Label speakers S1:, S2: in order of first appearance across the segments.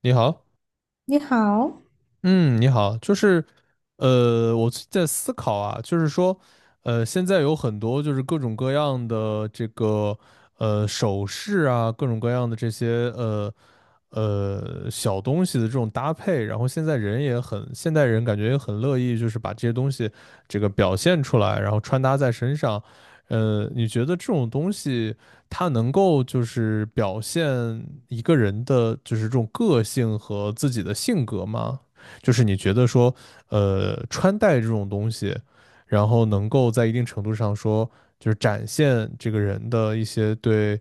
S1: 你好。
S2: 你好，
S1: 嗯，你好。我最近在思考啊。现在有很多就是各种各样的这个，首饰啊，各种各样的这些，小东西的这种搭配。然后现在人也很，现代人感觉也很乐意，就是把这些东西这个表现出来，然后穿搭在身上。你觉得这种东西它能够就是表现一个人的就是这种个性和自己的性格吗？就是你觉得说，穿戴这种东西，然后能够在一定程度上说，就是展现这个人的一些对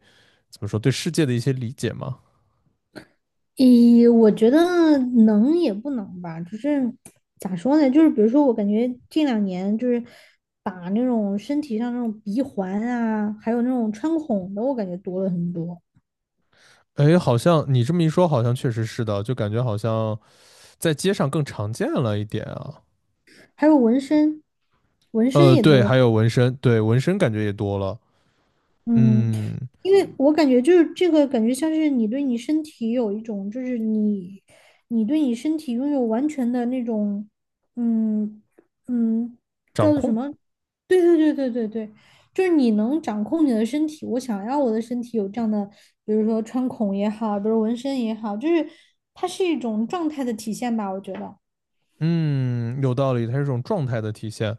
S1: 怎么说对世界的一些理解吗？
S2: 咦，我觉得能也不能吧，就是咋说呢？就是比如说，我感觉近两年就是打那种身体上那种鼻环啊，还有那种穿孔的，我感觉多了很多，
S1: 哎，好像你这么一说，好像确实是的，就感觉好像在街上更常见了一点啊。
S2: 还有纹身，纹身也
S1: 对，
S2: 多了。
S1: 还有纹身。对，纹身感觉也多了。
S2: 嗯，
S1: 嗯，
S2: 因为我感觉就是这个感觉像是你对你身体有一种，就是你对你身体拥有完全的那种，嗯嗯，
S1: 掌
S2: 叫做什
S1: 控。
S2: 么？对对对对对对，就是你能掌控你的身体。我想要我的身体有这样的，比如说穿孔也好，比如纹身也好，就是它是一种状态的体现吧，我觉得。
S1: 嗯，有道理，它是一种状态的体现。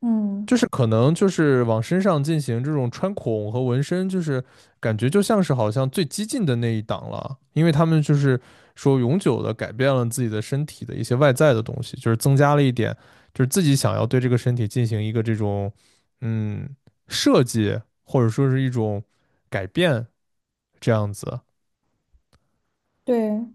S2: 嗯，
S1: 就是可能就是往身上进行这种穿孔和纹身，就是感觉就像是好像最激进的那一档了，因为他们就是说永久的改变了自己的身体的一些外在的东西，就是增加了一点，就是自己想要对这个身体进行一个这种嗯设计或者说是一种改变这样子。
S2: 对。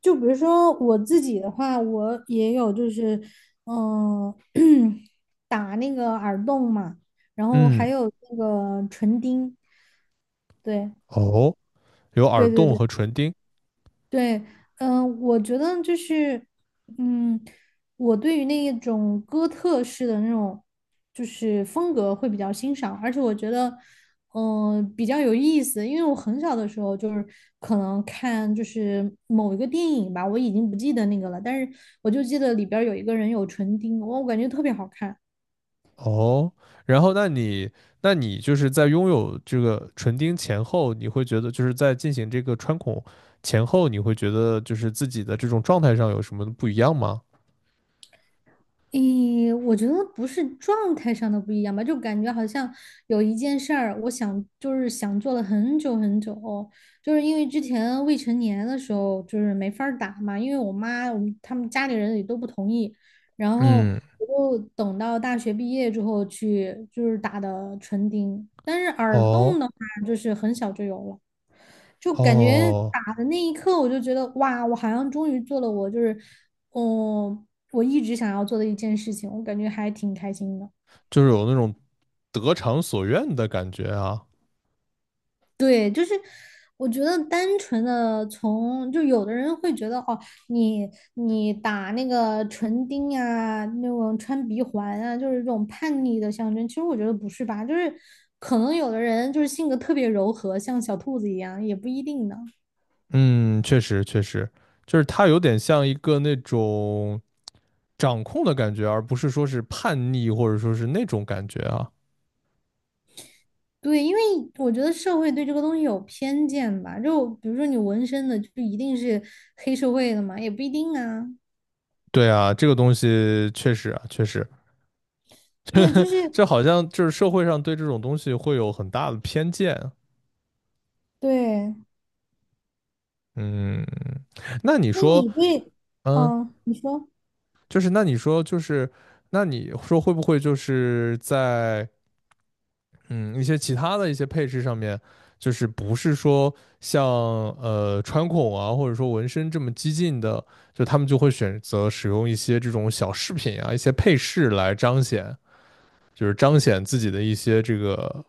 S2: 就比如说我自己的话，我也有就是，嗯、打那个耳洞嘛，然后还
S1: 嗯，
S2: 有那个唇钉，对
S1: 哦，有耳
S2: 对对
S1: 洞
S2: 对，
S1: 和唇钉。
S2: 对，我觉得就是，嗯，我对于那一种哥特式的那种就是风格会比较欣赏，而且我觉得，比较有意思，因为我很小的时候就是可能看就是某一个电影吧，我已经不记得那个了，但是我就记得里边儿有一个人有唇钉，我感觉特别好看。
S1: 哦，然后那你那你就是在拥有这个唇钉前后，你会觉得就是在进行这个穿孔前后，你会觉得就是自己的这种状态上有什么不一样吗？
S2: 诶，我觉得不是状态上的不一样吧，就感觉好像有一件事儿，我想就是想做了很久很久，就是因为之前未成年的时候就是没法儿打嘛，因为我妈我们他们家里人也都不同意，然后
S1: 嗯，
S2: 我就等到大学毕业之后去就是打的唇钉，但是耳
S1: 哦
S2: 洞呢？就是很小就有了。就感觉
S1: 哦，
S2: 打的那一刻，我就觉得哇，我好像终于做了我就是，嗯，我一直想要做的一件事情，我感觉还挺开心的。
S1: 就是有那种得偿所愿的感觉啊。
S2: 对，就是我觉得单纯的从，就有的人会觉得哦，你你打那个唇钉啊，那种穿鼻环啊，就是这种叛逆的象征。其实我觉得不是吧，就是可能有的人就是性格特别柔和，像小兔子一样，也不一定呢。
S1: 嗯，确实确实，就是它有点像一个那种掌控的感觉，而不是说是叛逆或者说是那种感觉啊。
S2: 对，因为我觉得社会对这个东西有偏见吧，就比如说你纹身的，就一定是黑社会的嘛，也不一定啊。
S1: 对啊，这个东西确实啊，确实。
S2: 对，就是
S1: 这好像就是社会上对这种东西会有很大的偏见啊。
S2: 对。
S1: 嗯，那你
S2: 那
S1: 说。
S2: 你对，
S1: 嗯，
S2: 嗯，你说，
S1: 就是那你说就是，那你说会不会就是在嗯一些其他的一些配饰上面，就是不是说像穿孔啊，或者说纹身这么激进的，就他们就会选择使用一些这种小饰品啊，一些配饰来彰显，就是彰显自己的一些这个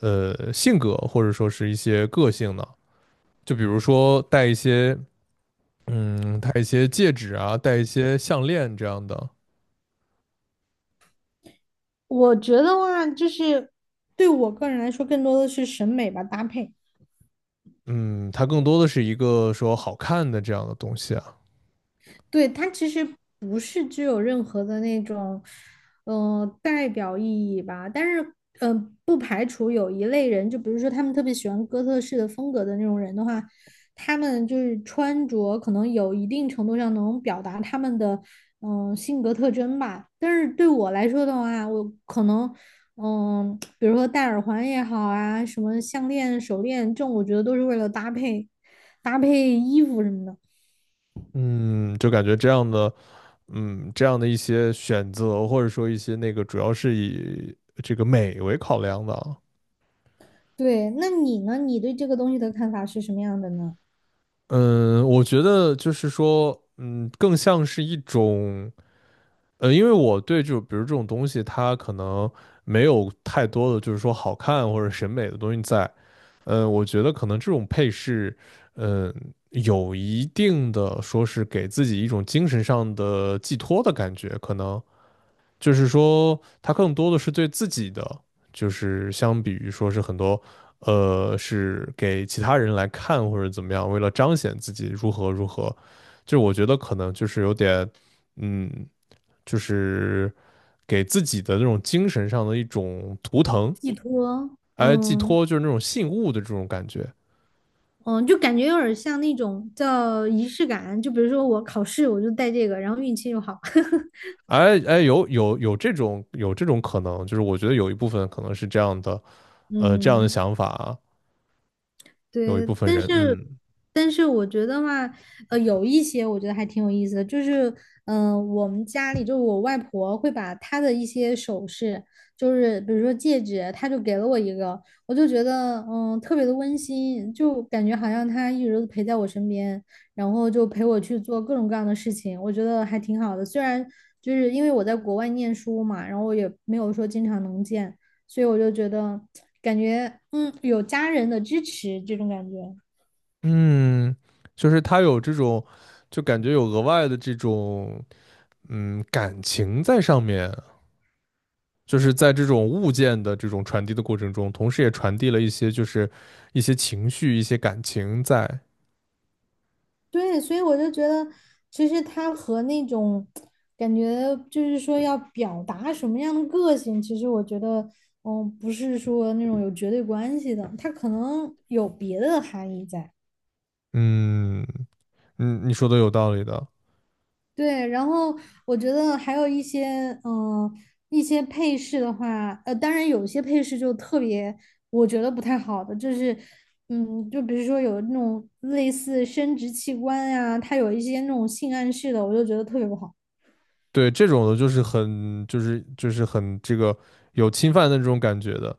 S1: 性格，或者说是一些个性呢？就比如说戴一些，嗯，戴一些戒指啊，戴一些项链这样的。
S2: 我觉得话就是对我个人来说，更多的是审美吧，搭配。
S1: 嗯，它更多的是一个说好看的这样的东西啊。
S2: 对，它其实不是具有任何的那种，代表意义吧。但是，不排除有一类人，就比如说他们特别喜欢哥特式的风格的那种人的话，他们就是穿着可能有一定程度上能表达他们的，性格特征吧。但是对我来说的话，我可能。比如说戴耳环也好啊，什么项链、手链，这种我觉得都是为了搭配衣服什么的。
S1: 嗯，就感觉这样的，嗯，这样的一些选择或者说一些那个，主要是以这个美为考量的啊。
S2: 对，那你呢？你对这个东西的看法是什么样的呢？
S1: 嗯，我觉得就是说，嗯，更像是一种。因为我对就比如这种东西，它可能没有太多的就是说好看或者审美的东西在，我觉得可能这种配饰，嗯、有一定的说是给自己一种精神上的寄托的感觉，可能就是说他更多的是对自己的，就是相比于说是很多，是给其他人来看或者怎么样，为了彰显自己如何如何，就我觉得可能就是有点，嗯，就是给自己的那种精神上的一种图腾。
S2: 寄托，
S1: 哎，寄
S2: 嗯
S1: 托就是那种信物的这种感觉。
S2: 嗯，就感觉有点像那种叫仪式感，就比如说我考试我就带这个，然后运气又好，
S1: 哎,有这种有这种可能，就是我觉得有一部分可能是这样的，这样的
S2: 嗯。
S1: 想法啊，有一
S2: 对，
S1: 部分
S2: 但
S1: 人。
S2: 是
S1: 嗯。
S2: 我觉得话，有一些我觉得还挺有意思的，就是我们家里就是我外婆会把她的一些首饰，就是比如说戒指，她就给了我一个，我就觉得特别的温馨，就感觉好像她一直都陪在我身边，然后就陪我去做各种各样的事情，我觉得还挺好的。虽然就是因为我在国外念书嘛，然后我也没有说经常能见。所以我就觉得感觉有家人的支持这种感觉，
S1: 嗯，就是他有这种，就感觉有额外的这种，嗯，感情在上面，就是在这种物件的这种传递的过程中，同时也传递了一些就是一些情绪、一些感情在。
S2: 对，所以我就觉得其实他和那种感觉就是说要表达什么样的个性，其实我觉得不是说那种有绝对关系的，他可能有别的含义在。
S1: 嗯。嗯，你说的有道理的。
S2: 对，然后我觉得还有一些，一些配饰的话，当然有些配饰就特别，我觉得不太好的，就是，就比如说有那种类似生殖器官呀、它有一些那种性暗示的，我就觉得特别不好。
S1: 对，这种的就是很这个有侵犯的这种感觉的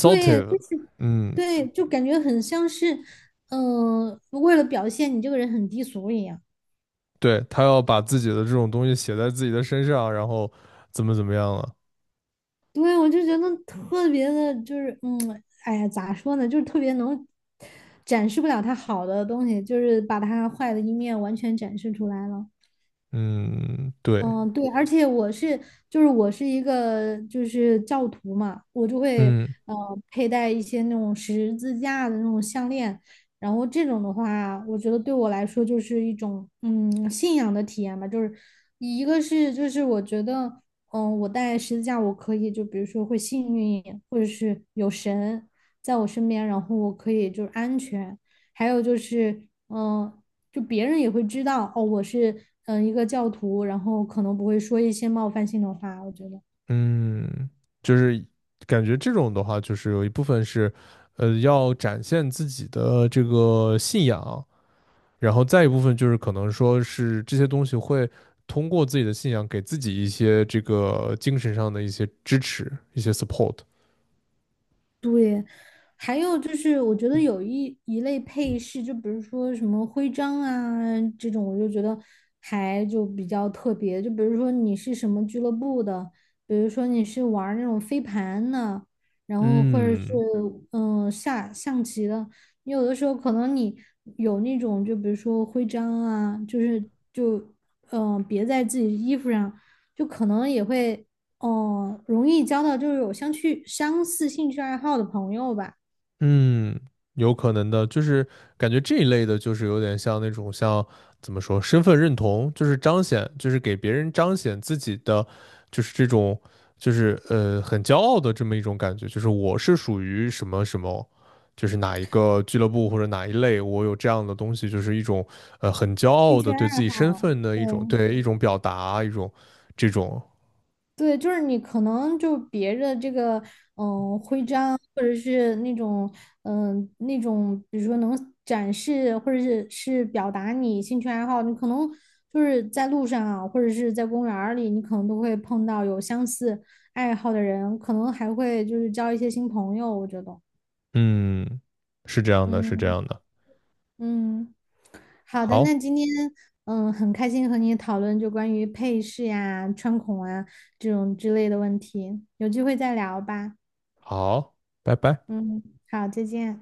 S2: 对，就是，
S1: 嗯，
S2: 对，就感觉很像是，为了表现你这个人很低俗一样。
S1: 对，他要把自己的这种东西写在自己的身上，然后怎么怎么样了。
S2: 对，我就觉得特别的，就是哎呀，咋说呢，就是特别能展示不了他好的东西，就是把他坏的一面完全展示出来了。
S1: 嗯，对。
S2: 嗯，对，而且我是，就是我是一个就是教徒嘛，我就会
S1: 嗯。
S2: 呃佩戴一些那种十字架的那种项链，然后这种的话，我觉得对我来说就是一种信仰的体验吧，就是一个是就是我觉得我戴十字架我可以就比如说会幸运一点，或者是有神在我身边，然后我可以就是安全，还有就是嗯。呃就别人也会知道哦，我是一个教徒，然后可能不会说一些冒犯性的话，我觉得。
S1: 嗯，就是感觉这种的话，就是有一部分是，要展现自己的这个信仰，然后再一部分就是可能说是这些东西会通过自己的信仰给自己一些这个精神上的一些支持，一些 support。
S2: 对，还有就是，我觉得有一类配饰，就比如说什么徽章啊这种，我就觉得还就比较特别。就比如说你是什么俱乐部的，比如说你是玩儿那种飞盘的，然后或者是
S1: 嗯。
S2: 下象棋的，你有的时候可能你有那种，就比如说徽章啊，就是就别在自己衣服上，就可能也会。哦，容易交到就是有相似兴趣爱好的朋友吧，
S1: 嗯，有可能的，就是感觉这一类的，就是有点像那种像怎么说，身份认同，就是彰显，就是给别人彰显自己的，就是这种，就是很骄傲的这么一种感觉，就是我是属于什么什么，就是哪一个俱乐部或者哪一类，我有这样的东西，就是一种很骄
S2: 兴
S1: 傲
S2: 趣
S1: 的对自
S2: 爱
S1: 己身
S2: 好，
S1: 份的
S2: 对
S1: 一种对一种表达，一种这种。
S2: 对，就是你可能就别的这个嗯、徽章，或者是那种那种，比如说能展示或者是表达你兴趣爱好，你可能就是在路上啊，或者是在公园儿里，你可能都会碰到有相似爱好的人，可能还会就是交一些新朋友，我觉得，
S1: 嗯，是这样的，是这
S2: 嗯。
S1: 样的。
S2: 嗯，好的，那
S1: 好。
S2: 今天很开心和你讨论就关于配饰呀、穿孔啊这种之类的问题，有机会再聊吧。
S1: 好，拜拜。
S2: 嗯，好，再见。